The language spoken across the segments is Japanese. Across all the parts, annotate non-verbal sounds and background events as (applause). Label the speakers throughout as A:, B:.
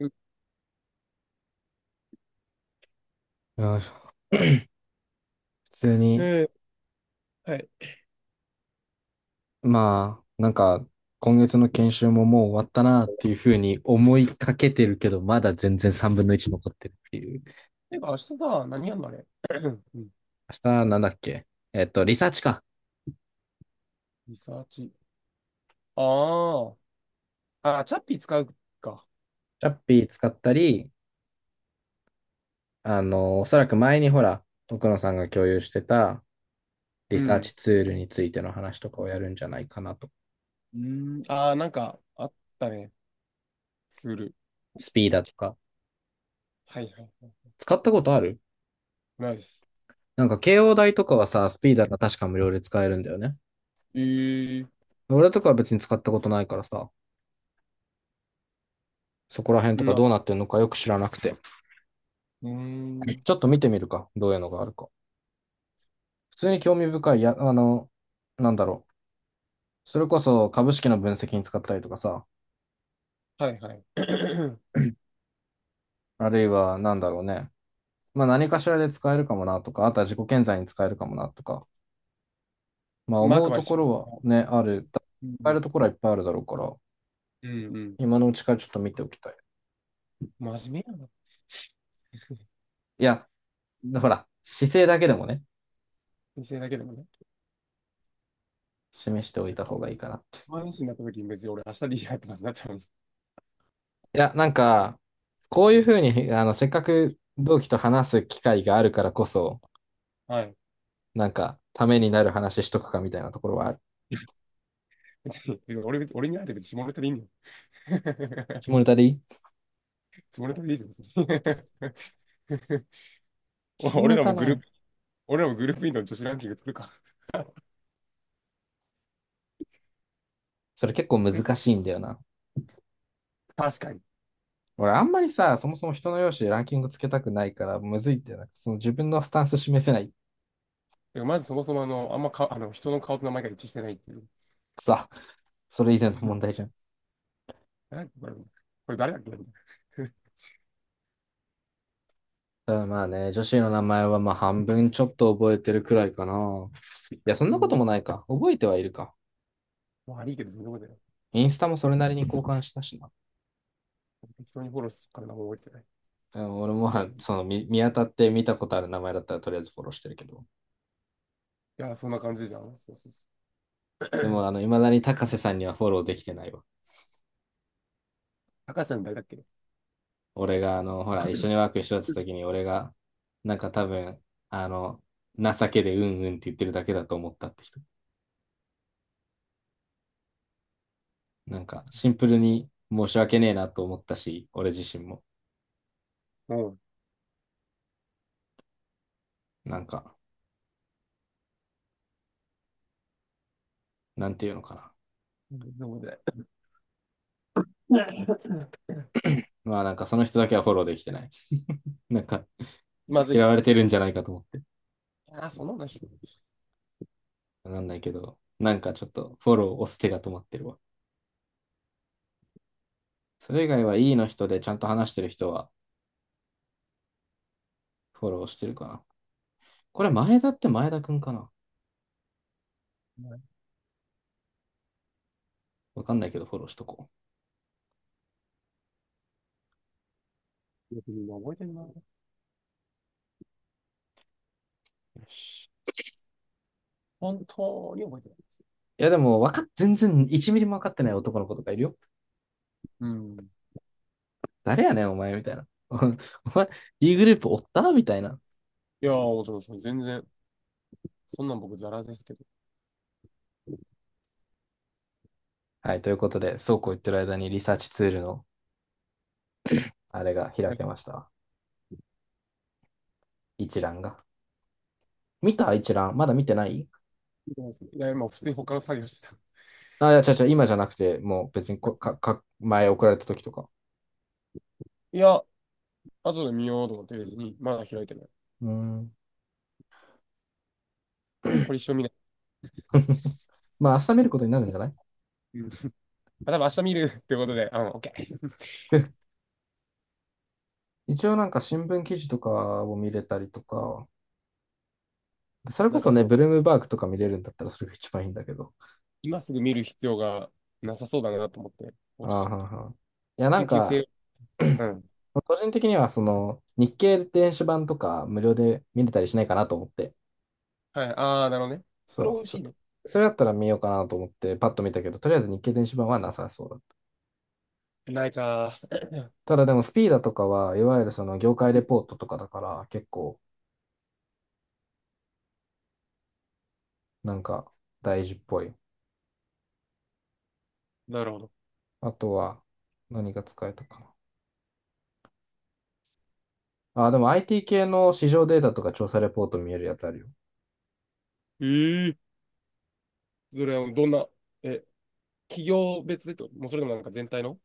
A: うん。
B: いや (clears throat) 普通
A: え
B: に、
A: ー、はい。
B: まあ、なんか、今月の研修ももう終わったなっていうふうに思いかけてるけど、まだ全然3分の1残ってるっていう。
A: てか、明日さ、何やんのあれ？ (clears throat) うん。
B: 明日、なんだっけ。リサーチか。
A: リサーチ。ああ。あ、チャッピー使うか。
B: チャッピー使ったり、おそらく前にほら、奥野さんが共有してたリ
A: う
B: サー
A: ん。
B: チツールについての話とかをやるんじゃないかなと。
A: うーん。ああ、なんか、あったね。ツール。
B: スピーダとか。
A: はいはいはい。
B: 使ったことある。
A: ナイス。
B: なんか、慶応大とかはさ、スピーダが確か無料で使えるんだよね。
A: えー、
B: 俺とかは別に使ったことないからさ。そこら辺とか
A: う
B: どうなってるのかよく知らなくて。
A: ーん。
B: ちょっと見てみるか。どういうのがあるか。普通に興味深い。や、なんだろう。それこそ株式の分析に使ったりとかさ。
A: はいはい。(clears throat)
B: あるいは、なんだろうね。まあ何かしらで使えるかもなとか、あとは自己顕在に使えるかもなとか。まあ
A: マー
B: 思
A: ク
B: う
A: まで
B: と
A: し
B: ころはね、ある。
A: う
B: 使え
A: ん、
B: るところはいっぱいあるだろうから、
A: うん、うん。
B: 今のうちからちょっと見ておきたい。
A: 真面目やな。
B: いや、ほら、姿勢だけでもね、
A: 先生だけでもね。
B: 示しておいた方がいいかな。
A: 毎日になった時に別に俺明日でいいやってなっちゃう。
B: いや、なんか、こうい
A: う
B: うふ
A: ん。
B: うに、せっかく同期と話す機会があるからこそ、
A: はい。
B: なんか、ためになる話しとくかみたいなところはある。
A: (laughs) 別に、別に俺別に、俺に会えて別に下ネタでいいんだよ。(laughs)
B: 下ネタでいい。
A: それでもいいぞ。(laughs)
B: 下
A: お俺
B: ネ
A: ら
B: タ
A: もグルー
B: ね、
A: プ、俺らもグループインの女子ランキング作るか。
B: それ結構難
A: (laughs)
B: しいんだよな。
A: 確かに。
B: 俺、あんまりさ、そもそも人の容姿でランキングつけたくないから、むずいってな、その自分のスタンス示せない。
A: でもまずそもそもあの、あんまか、あの、人の顔と名前が一致してないっていう。
B: くさ、それ以前の問題じ
A: (laughs)
B: ゃん。
A: なんかこれ誰だっけみたいな。(laughs)
B: ただまあね、女子の名前はまあ半分ちょっと覚えてるくらいかな。いや、そんな
A: 全然
B: こと
A: 覚え
B: も
A: て
B: ないか。覚えてはいるか。
A: ない。まあ、悪いけど全然覚えてない。
B: インスタもそれなりに交換したしな。
A: 適当にフォローするから名前覚えてない。い
B: 俺もまあその見当たって見たことある名前だったらとりあえずフォローしてるけど。
A: やー、そんな感じじゃん。そうそうそ
B: でも、
A: う。(clears throat)
B: 未だに高瀬さんにはフォローできてないわ。
A: 高橋さん誰だっけ？
B: 俺が、ほら、一緒にワーク一緒だった時に、俺が、なんか多分、あの、情けでうんうんって言ってるだけだと思ったって人。なんか、シンプルに申し訳ねえなと思ったし、俺自身も。
A: うん。
B: なんか、なんていうのかな。
A: 飲めない。(laughs)
B: まあなんか、その人だけはフォローできてない。(laughs) なんか、
A: まず
B: 嫌
A: い。
B: われてるんじゃないかと思って。
A: あ、その話。
B: わかんないけど、なんかちょっとフォロー押す手が止まってるわ。それ以外は E の人でちゃんと話してる人はフォローしてるかな。これ前田って前田くんかな。わかんないけどフォローしとこ
A: 覚えてるな。
B: う。よし。
A: 本当に覚えてない。
B: いやでもわかっ、全然1ミリも分かってない男の子とかいるよ。
A: うん。
B: 誰やねんお前みたいな。(laughs) お前、E グループおったみたいな。
A: いやー、もちろん、もちろん全然、そんなん僕、ザラですけど。
B: はい、ということで、そうこう言ってる間にリサーチツールのあれが開けました。一覧が。見た一覧。まだ見てない。
A: いや、今、普通に他の作業してた。
B: あ、いや、違うちゃ今じゃなくて、もう別にこかか前送られた時とか。
A: いや、後で見ようと思って別に、まだ開いてない。
B: うーん。
A: これ一生見ない。
B: (laughs) まあ明日見ることになるんじゃない。
A: うん。あ、多分明日見るってことで、うん、オッケー。
B: 一応なんか新聞記事とかを見れたりとか、そ
A: (laughs)
B: れこ
A: なん
B: そ
A: か、
B: ね、ブルームバーグとか見れるんだったらそれが一番いいんだけど。
A: 今すぐ見る必要がなさそうだなと思って、
B: あー
A: 落
B: は
A: ち
B: ん
A: ちゃった。
B: はん、いや、なん
A: 緊急
B: か、
A: 性、うん。
B: 個人的にはその日経電子版とか無料で見れたりしないかなと思って、
A: はい、あー、なるほどね。それ
B: そ
A: 美
B: う、
A: 味し
B: そ、
A: いね。
B: それだったら見ようかなと思ってパッと見たけど、とりあえず日経電子版はなさそうだった。
A: ないか
B: ただでもスピーダとかはいわゆるその業界レ
A: ー。
B: ポ
A: (laughs)
B: ートとかだから結構なんか大事っぽい。
A: なるほど。
B: あとは何が使えたかな。あ、でも IT 系の市場データとか調査レポート見えるやつあるよ。
A: えー、それはどんな、え、企業別でってこともうそれでもなんか全体の。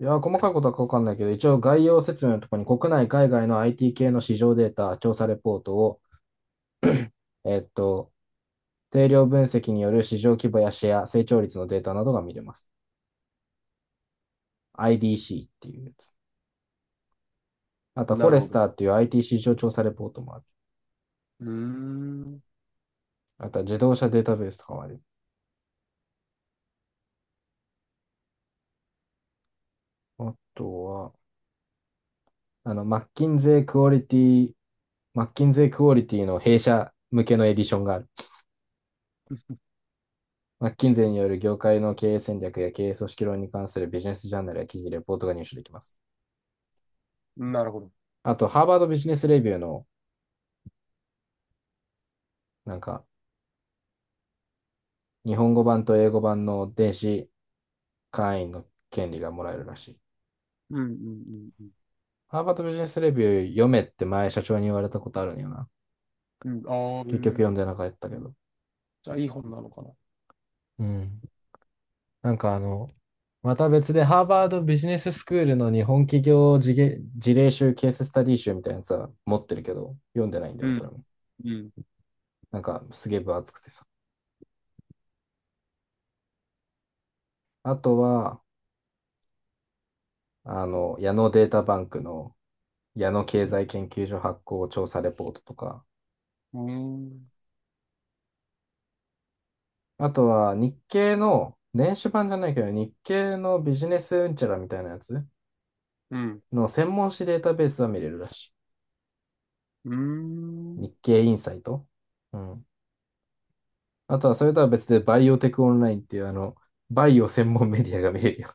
B: いや、細かいことはわかんないけど、一応概要説明のところに国内、海外の IT 系の市場データ、調査レポートを、えっと、定量分析による市場規模やシェア、成長率のデータなどが見れます。IDC っていうやつ。あと、フォ
A: なる
B: レ
A: ほ
B: ス
A: ど。
B: ターっていう IT 市場調査レポートもある。
A: うーん。
B: あとは自動車データベースとかもある。あとは、マッキンゼークオリティ、マッキンゼークオリティの弊社向けのエディションがある。
A: (laughs)
B: マッキンゼーによる業界の経営戦略や経営組織論に関するビジネスジャーナルや記事、レポートが入手できます。
A: なるほど。
B: あと、ハーバードビジネスレビューの、なんか、日本語版と英語版の電子会員の権利がもらえるらしい。
A: うん、うん、うん、
B: ハーバードビジネスレビュー読めって前社長に言われたことあるんよな。
A: うん。うん、あー、う
B: 結局
A: ん。
B: 読んでなかったけど。
A: じゃあいい本なのかな。
B: うん。なんかあの、また別でハーバードビジネススクールの日本企業事例事例集、ケーススタディ集みたいなやつは持ってるけど、読んでないんだ
A: う
B: よな、それ
A: ん、
B: も。
A: うん。
B: なんか、すげえ分厚くてさ。あとは、矢野データバンクの矢野経済研究所発行調査レポートとか、
A: うーん。
B: あとは日経の、電子版じゃないけど、日経のビジネスうんちゃらみたいなやつ
A: うん
B: の専門誌データベースは見れるらし
A: うーん。
B: い。
A: っ
B: 日経インサイト。うん。あとはそれとは別でバイオテクオンラインっていうバイオ専門メディアが見れるよ。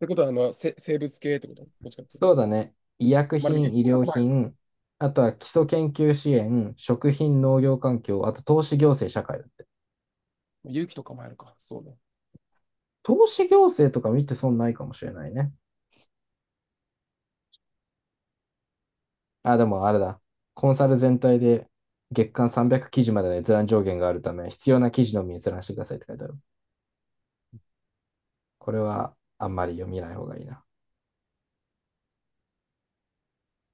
A: てことは、生物系ってこと、
B: (laughs)
A: どっちかっていう
B: そ
A: と。
B: うだね。医薬
A: まあでも、
B: 品、医
A: なん
B: 療
A: かもあるか。
B: 品、あとは基礎研究支援、食品、農業環境、あと投資行政社会だって。
A: 勇気とかもあるか。そうね。
B: 投資行政とか見て損ないかもしれないね。あ、でもあれだ。コンサル全体で月間300記事までの閲覧上限があるため、必要な記事のみ閲覧してくださいって書いてある。これはあんまり読みない方がいいな。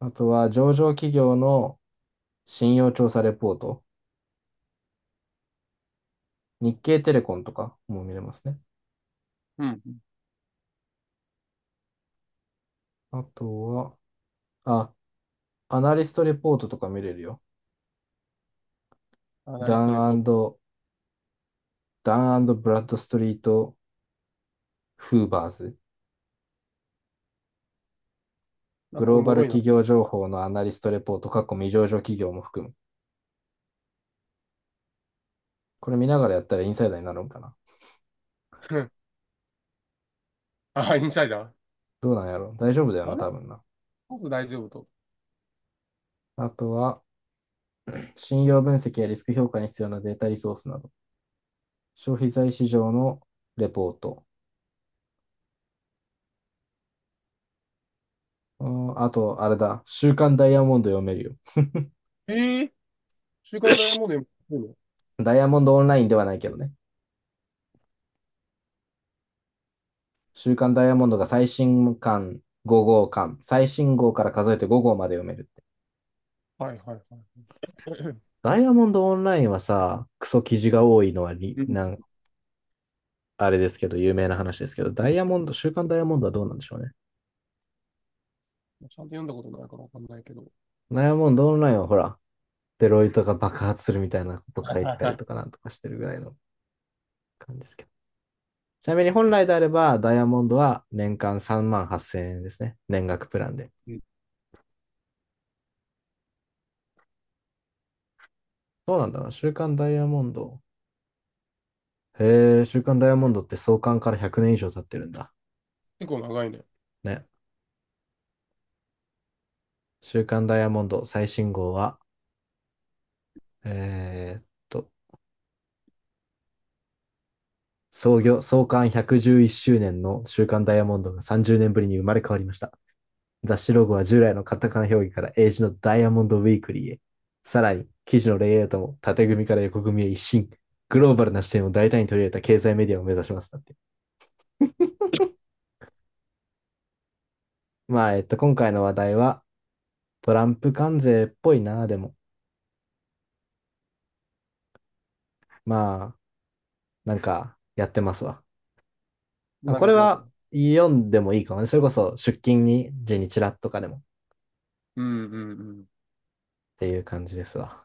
B: あとは上場企業の信用調査レポート。日経テレコンとかも見れますね。
A: うん。
B: あとは、あ、アナリストレポートとか見れるよ。
A: アナリストレ
B: ダ
A: ポー
B: ン
A: ト。
B: ダンブラッドストリート・フーバーズ。
A: なん
B: グ
A: かお
B: ローバ
A: も
B: ル
A: ろいな。
B: 企業情報のアナリストレポート、未上場企業も含む。これ見ながらやったらインサイダーになるんかな。
A: (laughs) あ、インサイダー。
B: どうなんやろ大丈夫だよ
A: あ
B: な、
A: の、
B: 多分な。
A: まず大丈夫と。
B: あとは、信用分析やリスク評価に必要なデータリソースなど、消費財市場のレポート。あと、あれだ、週刊ダイヤモンド読めるよ。
A: ええ、週刊ダイヤモンド
B: (laughs)
A: 読む
B: ダイヤモンドオンラインではないけどね。週刊ダイヤモンドが最新刊5号刊、最新号から数えて5号まで読めるって。
A: の？はいはいはい。(clears throat)
B: ダイヤモンドオンラインはさ、クソ記事が多いのはり
A: うん。
B: なん、
A: ち
B: あれですけど、有名な話ですけど、ダイヤモンド、週刊ダイヤモンドはどうなんでしょうね。
A: ゃんと読んだことないからわかんないけど。
B: ダイヤモンドオンラインはほら、デロイトが爆発するみたいなこと書いてたりとか
A: (laughs)
B: なんとかしてるぐらいの感じですけど。ちなみに本来であれば、ダイヤモンドは年間3万8000円ですね。年額プランで。
A: うん。
B: そうなんだな。週刊ダイヤモンド。へえ、週刊ダイヤモンドって創刊から100年以上経ってるんだ。
A: 結構長いね。
B: ね。週刊ダイヤモンド最新号は、えーっと、創業、創刊111周年の週刊ダイヤモンドが30年ぶりに生まれ変わりました。雑誌ロゴは従来のカタカナ表記から英字のダイヤモンドウィークリーへ。さらに、記事のレイアウトも縦組みから横組みへ一新。グローバルな視点を大胆に取り入れた経済メディアを目指します。だって。まあ、今回の話題はトランプ関税っぽいな、でも。まあ、なんか、やってますわ。
A: なん
B: こ
A: かや
B: れ
A: ってますよ。
B: は読んでもいいかもね。それこそ出勤に時にチラッとかでもっ
A: うんうんうん。
B: ていう感じですわ。